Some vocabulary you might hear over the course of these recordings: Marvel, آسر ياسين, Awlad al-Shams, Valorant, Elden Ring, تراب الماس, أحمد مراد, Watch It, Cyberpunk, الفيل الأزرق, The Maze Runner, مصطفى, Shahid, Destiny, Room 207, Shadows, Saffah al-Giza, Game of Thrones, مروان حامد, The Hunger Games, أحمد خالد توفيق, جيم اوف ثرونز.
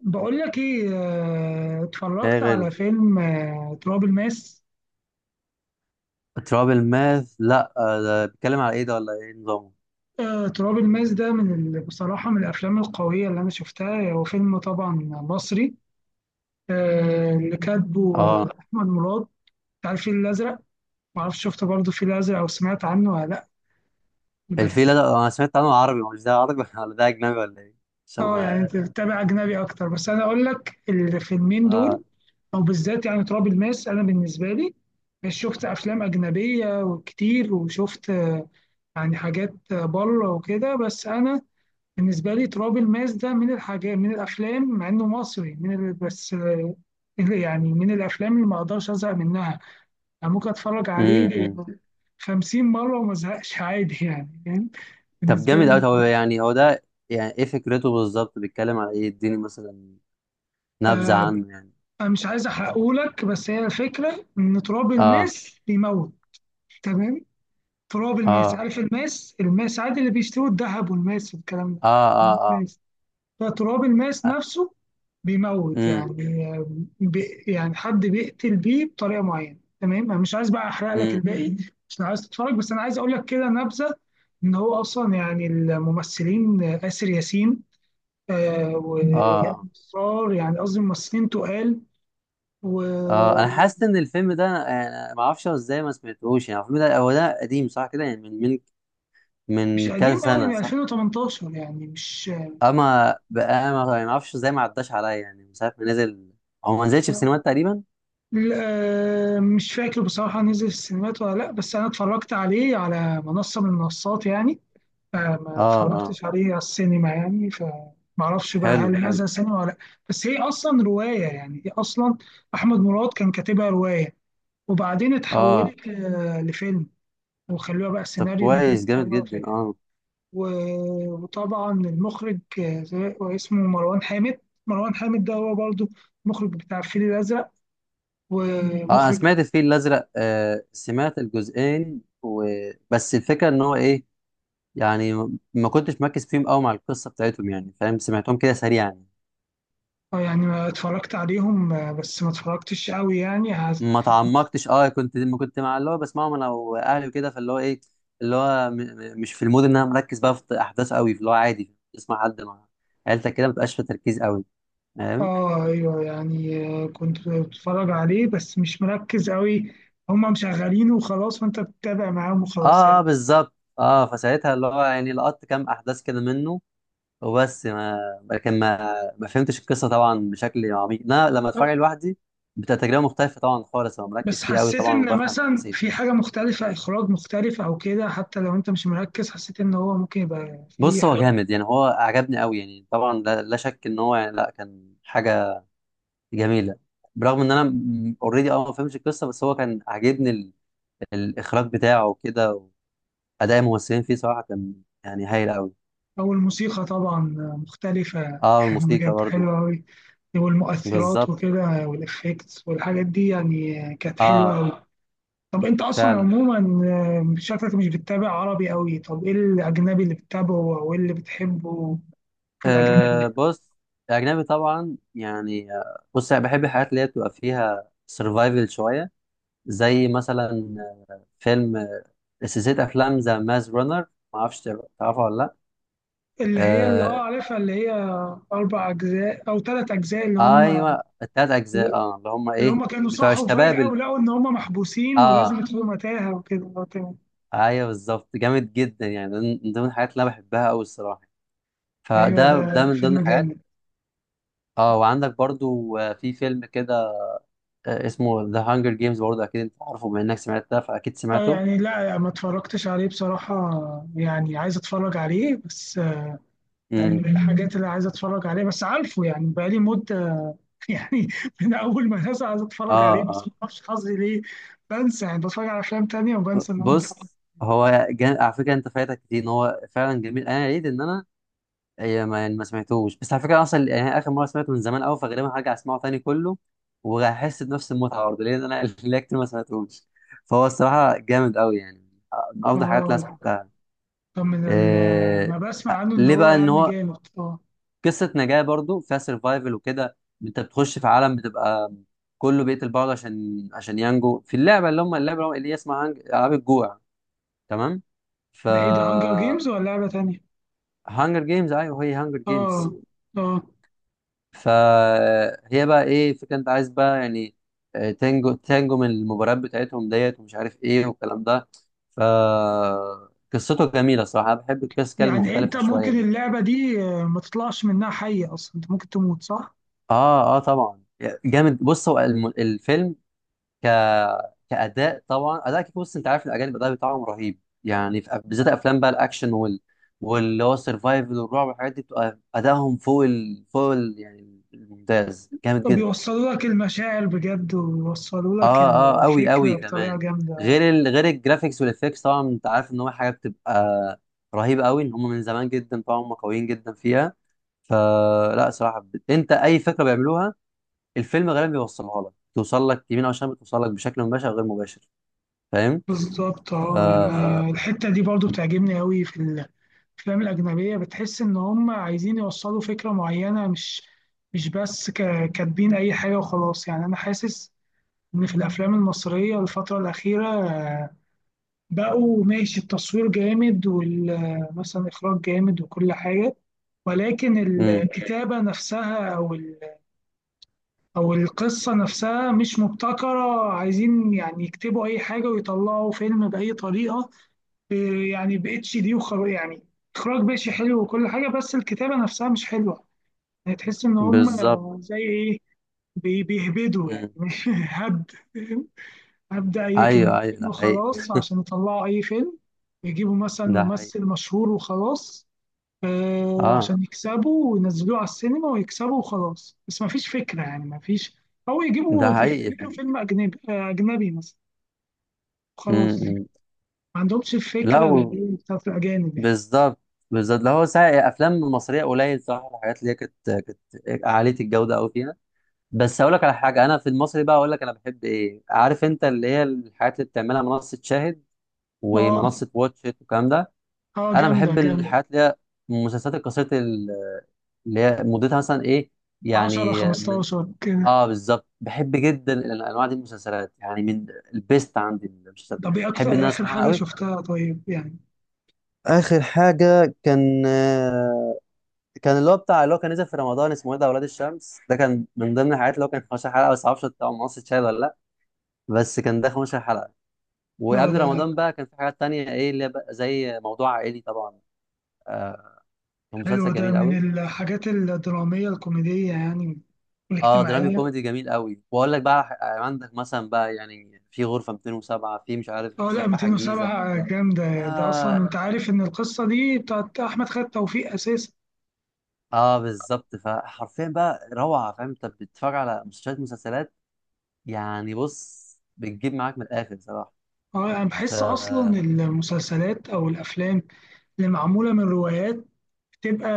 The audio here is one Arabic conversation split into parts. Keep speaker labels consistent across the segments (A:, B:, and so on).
A: بقول لك ايه،
B: ايه يا
A: اتفرجت
B: غالي؟
A: على فيلم
B: تراب ماث، لا. ده بيتكلم على ايه ده، ولا ايه نظامه؟
A: آه، تراب الماس ده من بصراحة من الأفلام القوية اللي أنا شفتها. هو فيلم طبعا مصري، اللي كاتبه
B: اه.
A: أحمد مراد، بتاع الفيل الأزرق. معرفش شفت برضه الفيل الأزرق أو سمعت عنه ولا لأ. بس
B: الفيلة ده انا سمعت عنه، عربي؟ مش ده عربي ولا ده اجنبي ولا ايه؟ عشان
A: اه يعني أنت
B: ما-
A: بتتابع أجنبي أكتر، بس أنا أقول لك الفيلمين
B: اه.
A: دول، أو بالذات يعني تراب الماس. أنا بالنسبة لي شفت أفلام أجنبية وكتير، وشفت يعني حاجات بره وكده، بس انا بالنسبه لي تراب الماس ده من الحاجات، من الافلام، مع انه مصري، من بس يعني من الافلام اللي ما اقدرش ازهق منها. يعني ممكن اتفرج عليه
B: امم
A: 50 مره وما ازهقش عادي، يعني فاهم؟
B: طب
A: بالنسبه
B: جامد قوي.
A: لي
B: طب يعني هو ده، يعني ايه فكرته بالظبط؟ بيتكلم على ايه؟ اديني مثلا نبذة
A: آه،
B: عنه يعني.
A: انا مش عايز احرقهولك، بس هي الفكره ان تراب
B: اه.
A: الماس بيموت، تمام. تراب الماس،
B: اه.
A: عارف الماس؟ الماس عادي اللي بيشتروا الذهب والماس والكلام
B: اه. اه.
A: ده.
B: اه.
A: فتراب الماس نفسه بيموت،
B: امم.
A: يعني بي يعني حد بيقتل بيه بطريقه معينه، تمام. انا مش عايز بقى احرق لك
B: امم.
A: الباقي. مش عايز تتفرج، بس انا عايز اقول لك كده نبذه. ان هو اصلا يعني الممثلين آسر ياسين، آه وإياد
B: اه.
A: نصار، يعني قصدي ممثلين تقال
B: اه. انا
A: ومش...
B: حاسس ان الفيلم ده، انا ما اعرفش ازاي ما سمعتهوش. يعني الفيلم ده، هو ده قديم صح كده؟ يعني من كذا
A: قديم قوي،
B: سنة،
A: من
B: صح؟
A: 2018، يعني مش...
B: اما بقى ما اعرفش ازاي ما عداش عليا، يعني من ساعه ما نزل. هو ما نزلش في سينمات تقريبا.
A: لا، مش فاكر بصراحة نزل في السينمات ولا لا، بس أنا اتفرجت عليه على منصة من المنصات يعني. ما
B: اه. اه.
A: اتفرجتش عليه على السينما يعني، فمعرفش بقى
B: حلو
A: هل
B: حلو.
A: هذا سينما ولا لا. بس هي اصلا روايه، يعني هي اصلا احمد مراد كان كاتبها روايه، وبعدين
B: اه.
A: اتحولت لفيلم، وخلوها بقى
B: طب
A: سيناريو وكده،
B: كويس، جامد
A: خلوها
B: جدا.
A: فيلم.
B: اه.
A: وطبعا المخرج اسمه مروان حامد. مروان حامد ده هو برضو المخرج بتاع الفيل الازرق
B: اه، انا
A: ومخرج...
B: سمعت الفيل الازرق، سمعت الجزئين و. بس الفكره ان هو ايه، يعني ما كنتش مركز فيهم قوي مع القصه بتاعتهم، يعني فاهم؟ سمعتهم كده سريعا.
A: يعني ما اتفرجت عليهم، بس ما اتفرجتش قوي يعني.
B: ما تعمقتش. اه، ما كنت مع اللي هو بسمعهم انا واهلي وكده، فاللي هو ايه، اللي هو مش في المود ان انا مركز بقى في احداث قوي. اللي هو عادي تسمع حد مع عيلتك كده، ما تبقاش في تركيز قوي. فاهم؟
A: اه ايوه، يعني كنت بتفرج عليه بس مش مركز قوي. هما مشغلينه وخلاص وانت بتتابع معاهم وخلاص
B: اه،
A: يعني.
B: بالظبط. اه، فساعتها اللي هو يعني لقطت كام احداث كده منه، وبس ما لكن ما فهمتش القصه طبعا بشكل عميق. انا لما اتفرج لوحدي، بتبقى تجربه مختلفه طبعا خالص. انا
A: بس
B: مركز فيه قوي
A: حسيت
B: طبعا
A: ان
B: وبفهم
A: مثلا
B: التفاصيل.
A: في حاجة مختلفة، اخراج مختلف او كده، حتى لو انت مش مركز حسيت ان هو ممكن يبقى في
B: بص هو
A: حاجة.
B: جامد، يعني هو عجبني قوي يعني طبعا. لا، لا شك ان هو يعني لا، كان حاجه جميله. برغم ان انا اوريدي ما فهمتش القصه، بس هو كان عاجبني الاخراج بتاعه وكده. واداء الممثلين فيه صراحه كان يعني هايل قوي.
A: او الموسيقى طبعا مختلفة،
B: اه،
A: يعني
B: والموسيقى
A: بجد
B: برضو.
A: حلوة قوي. والمؤثرات
B: بالظبط.
A: وكده والافكتس والحاجات دي يعني كانت حلوة
B: اه،
A: قوي. طب انت اصلا
B: فعلا.
A: عموما، شكلك مش بتتابع عربي قوي. طب ايه الاجنبي اللي بتتابعه او ايه اللي بتحبه في الاجنبي؟
B: بص، اجنبي طبعا يعني. بص انا بحب الحاجات اللي هي بتبقى فيها سرفايفل شويه. زي مثلا آه، فيلم سلسله افلام ذا ماز رانر، ما اعرفش تعرفها ولا لا.
A: اللي هي اللي اه
B: آه.
A: عارفها، اللي هي اربع اجزاء او ثلاث اجزاء، اللي هم
B: ايوه، التلات اجزاء. اه، اللي هم
A: اللي
B: ايه،
A: هم كانوا
B: بتوع
A: صحوا
B: الشباب.
A: فجأة ولقوا ان هم محبوسين ولازم
B: اه،
A: يدخلوا متاهة وكده، اه تمام.
B: ايوه بالظبط، جامد جدا. يعني ده من ضمن الحاجات اللي انا بحبها قوي الصراحه.
A: ايوه،
B: فده
A: ده
B: ده من ضمن
A: فيلم
B: الحاجات.
A: جامد.
B: اه، وعندك برضو في فيلم كده، اسمه ذا هانجر جيمز. برضو اكيد انت عارفه، بما انك سمعت ده فاكيد
A: اه
B: سمعته.
A: يعني لا ما اتفرجتش عليه بصراحة. يعني عايز اتفرج عليه بس يعني
B: امم.
A: من الحاجات اللي عايز اتفرج عليه بس عارفه، يعني بقالي مدة يعني من اول ما الناس، عايز اتفرج
B: اه.
A: عليه بس
B: اه.
A: ما اعرفش حظي ليه. بنسى، يعني بتفرج على افلام تانية وبنسى ان انا اتفرج.
B: بص هو على فكره، انت فايتك كتير ان هو فعلا جميل. انا عيد ان انا، هي ما يعني ما سمعتوش. بس على فكره اصلا يعني اخر مره سمعته من زمان قوي، فغالبا هرجع اسمعه تاني كله، وهحس بنفس المتعه برضه لان انا ليا كتير ما سمعتوش. فهو الصراحه جامد قوي، يعني من افضل الحاجات اللي انا
A: اه،
B: سمعتها.
A: طب من
B: إيه...
A: ما بسمع عنه ان
B: ليه
A: هو
B: بقى ان
A: يعني
B: هو
A: جامد. اه،
B: قصه نجاه برضه فيها سرفايفل وكده. انت بتخش في عالم بتبقى كله بيقتل بعض، عشان ينجو في اللعبه، اللي هم اللعبه اللي هي اسمها العاب الجوع. تمام. ف.
A: ده ايه ده، هانجر جيمز ولا لعبة تانية؟
B: هانجر جيمز. ايوه، هي هانجر
A: اه
B: جيمز.
A: اه.
B: فهي بقى ايه فكرة، انت عايز بقى يعني تنجو تنجو من المباريات بتاعتهم، ديت ومش عارف ايه والكلام ده. ف. قصته جميلة صراحة. انا بحب القصص كده
A: يعني انت
B: المختلفة شوية
A: ممكن
B: دي.
A: اللعبة دي ما تطلعش منها حية، اصلا انت ممكن تموت، صح؟
B: اه. اه طبعا. جامد. بص هو الفيلم ك كأداء طبعا، أداء كيك. بص انت عارف الأجانب الأداء بتاعهم رهيب. يعني في بالذات أفلام بقى الأكشن، واللي هو السرفايفل والرعب والحاجات دي، بتبقى أدائهم يعني الممتاز، جامد
A: طب
B: جدا.
A: يوصلوا لك المشاعر بجد، ويوصلوا لك
B: اه. اه قوي
A: الفكرة
B: قوي
A: بطريقة
B: كمان.
A: جامدة.
B: غير الجرافيكس والافكتس طبعا، انت عارف ان هو حاجه بتبقى رهيبه قوي. ان هم من زمان جدا طبعا هم قويين جدا فيها. فلا صراحه، انت اي فكره بيعملوها الفيلم غالبا بيوصلها لك. توصل لك يمين او شمال، بتوصل لك بشكل مباشر او غير مباشر. فاهم؟
A: بالظبط
B: ف.
A: اه. انا الحته دي برضو بتعجبني قوي في الافلام الاجنبيه. بتحس ان هم عايزين يوصلوا فكره معينه، مش بس كاتبين اي حاجه وخلاص يعني. انا حاسس ان في الافلام المصريه الفتره الاخيره، بقوا ماشي التصوير جامد ومثلا اخراج جامد وكل حاجه، ولكن
B: امم.
A: الكتابه نفسها او القصه نفسها مش مبتكره، عايزين يعني يكتبوا اي حاجه ويطلعوا فيلم باي طريقه. إيه يعني ب اتش دي وخر يعني، اخراج ماشي حلو وكل حاجه، بس الكتابه نفسها مش حلوه. يعني تحس ان هم
B: بالظبط.
A: زي ايه، بيهبدوا يعني
B: امم.
A: هبد هبدا اي
B: ايوه، ايوه،
A: كلمتين
B: ده حقيقي.
A: وخلاص عشان يطلعوا اي فيلم. يجيبوا مثلا
B: ده حقيقي.
A: ممثل مشهور وخلاص، آه
B: اه،
A: عشان يكسبوا وينزلوه على السينما ويكسبوا وخلاص، بس ما فيش فكره يعني، ما فيش. او
B: ده
A: يجيبوا
B: حقيقي.
A: يعملوا فيلم اجنبي، اجنبي مثلا، خلاص.
B: امم.
A: ما
B: أمم.
A: عندهمش
B: لا.
A: الفكره اللي هي بتاعت الاجانب يعني.
B: بالظبط بالظبط. اللي هو ساعة افلام مصريه قليل صراحه الحاجات اللي هي كانت عاليه الجوده قوي فيها. بس اقول لك على حاجه، انا في المصري بقى اقول لك انا بحب ايه، عارف انت، اللي هي الحاجات اللي بتعملها منصه شاهد
A: اه
B: ومنصه واتش إت والكلام ده.
A: اه،
B: انا
A: جامدة
B: بحب
A: جامدة.
B: الحاجات اللي هي المسلسلات القصيره، اللي هي مدتها مثلا ايه،
A: 10
B: يعني من.
A: 15 كده.
B: اه، بالظبط. بحب جدا الانواع دي من المسلسلات، يعني من البيست عندي المسلسلات
A: طب ايه
B: بحب ان
A: اكتر
B: انا
A: اخر
B: اسمعها
A: حاجة
B: قوي.
A: شفتها طيب يعني؟
B: اخر حاجه كان اللي هو كان نزل في رمضان، اسمه ايه ده، اولاد الشمس. ده كان من ضمن الحاجات، اللي هو كان 15 حلقه. بس معرفش بتاع مصر شاهد ولا لا. بس كان ده 15 حلقه.
A: اه
B: وقبل
A: ده،
B: رمضان بقى كان في حاجات تانية، ايه اللي هي بقى زي موضوع عائلي طبعا. آه كان
A: حلو.
B: مسلسل
A: ده
B: جميل
A: من
B: قوي.
A: الحاجات الدرامية الكوميدية يعني
B: اه، درامي
A: والاجتماعية.
B: كوميدي جميل قوي. واقول لك بقى، عندك مثلا بقى يعني في غرفه 207، في مش عارف
A: اه لا،
B: سفاح الجيزه.
A: 207 جامدة. ده اصلا
B: اه.
A: انت عارف ان القصة دي بتاعت احمد خالد توفيق اساسا.
B: اه بالظبط. فحرفيا بقى روعه. فاهم، انت بتتفرج على مسلسلات مسلسلات يعني، بص بتجيب معاك من الاخر صراحه.
A: اه انا
B: ف.
A: بحس اصلا المسلسلات او الافلام اللي معمولة من روايات بتبقى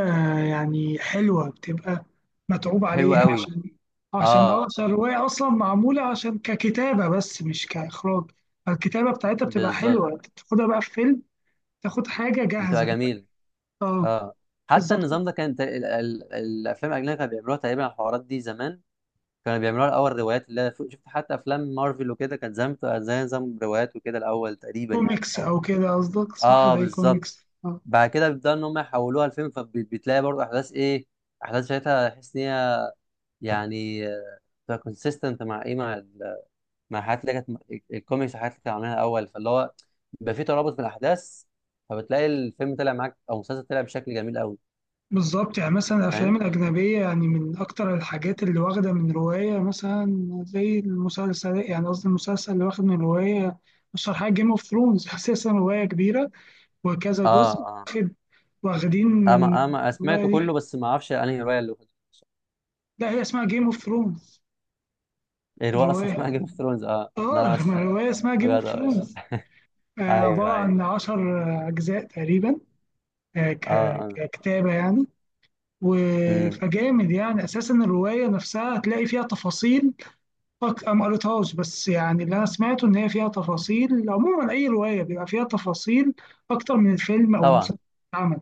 A: يعني حلوة، بتبقى متعوب
B: حلو
A: عليها،
B: قوي.
A: عشان عشان اه
B: اه،
A: عشان الرواية أصلا معمولة عشان ككتابة بس مش كإخراج. الكتابة بتاعتها بتبقى
B: بالظبط.
A: حلوة، انت بتاخدها بقى في فيلم، تاخد حاجة
B: بتبقى
A: جاهزة.
B: جميله.
A: اه
B: اه. حتى
A: بالظبط.
B: النظام ده كان الافلام الاجنبيه كانوا بيعملوها تقريبا الحوارات دي زمان. كانوا بيعملوها الاول روايات. اللي أنا شفت حتى افلام مارفل وكده كانت زمان بتبقى زي نظام روايات وكده الاول تقريبا يعني،
A: كوميكس
B: او.
A: أو كده قصدك، صح؟
B: اه،
A: زي
B: بالظبط.
A: كوميكس اه،
B: بعد كده بيبداوا ان هم يحولوها لفيلم، فبتلاقي برضه احداث، ايه احداث ساعتها تحس ان هي يعني كونسيستنت مع، ايه مع مع الحاجات اللي كانت الكوميكس والحاجات اللي كانوا عاملينها الاول. فاللي هو بيبقى فيه ترابط في الاحداث، فبتلاقي الفيلم طلع معاك او المسلسل طلع بشكل جميل قوي.
A: بالظبط. يعني مثلا الأفلام
B: فاهم؟
A: الأجنبية، يعني من أكتر الحاجات اللي واخدة من رواية، مثلا زي المسلسل، يعني قصدي، المسلسل اللي واخد من رواية، أشهر حاجة جيم اوف ثرونز. أساسا رواية كبيرة، وكذا
B: اه.
A: جزء
B: اه.
A: واخد، واخدين من
B: اما سمعته
A: الرواية
B: كله،
A: دي.
B: بس ما اعرفش انهي روايه اللي كنت
A: لا هي اسمها جيم اوف ثرونز
B: بتقرأها. الروايه اصلا
A: الرواية.
B: اسمها جيم اوف ثرونز؟ اه لا، انا ما
A: اه ما
B: سمعت
A: الرواية اسمها جيم اوف
B: بجد. ماشي.
A: ثرونز،
B: ايوه،
A: عبارة
B: ايوه.
A: عن عشر أجزاء تقريبا،
B: اه. اه.
A: ككتابة يعني.
B: امم.
A: فجامد يعني. أساسا الرواية نفسها هتلاقي فيها تفاصيل، أنا ما قريتهاش، بس يعني اللي أنا سمعته إن هي فيها تفاصيل. عموما أي رواية بيبقى فيها تفاصيل أكتر من الفيلم أو المسلسل
B: طبعا.
A: اللي اتعمل.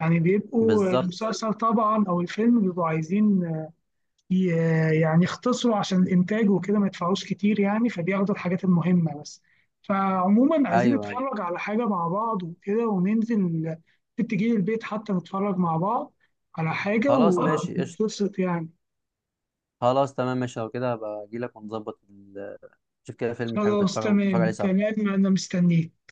A: يعني بيبقوا
B: بالظبط.
A: المسلسل طبعا أو الفيلم بيبقوا عايزين يعني يختصروا، عشان الانتاج وكده ما يدفعوش كتير يعني، فبياخدوا الحاجات المهمه بس. فعموما عايزين
B: ايوه. أيوة.
A: نتفرج على حاجه مع بعض وكده، وننزل ممكن تجيلي البيت حتى نتفرج مع بعض على حاجه
B: خلاص، ماشي قشطه.
A: ونتبسط يعني.
B: خلاص تمام، ماشي. لو كده هبقى اجي لك ونظبط نشوف كده فيلم حلو،
A: خلاص
B: نتفرج عليه
A: تمام
B: سوا.
A: تمام، انا مستنيك.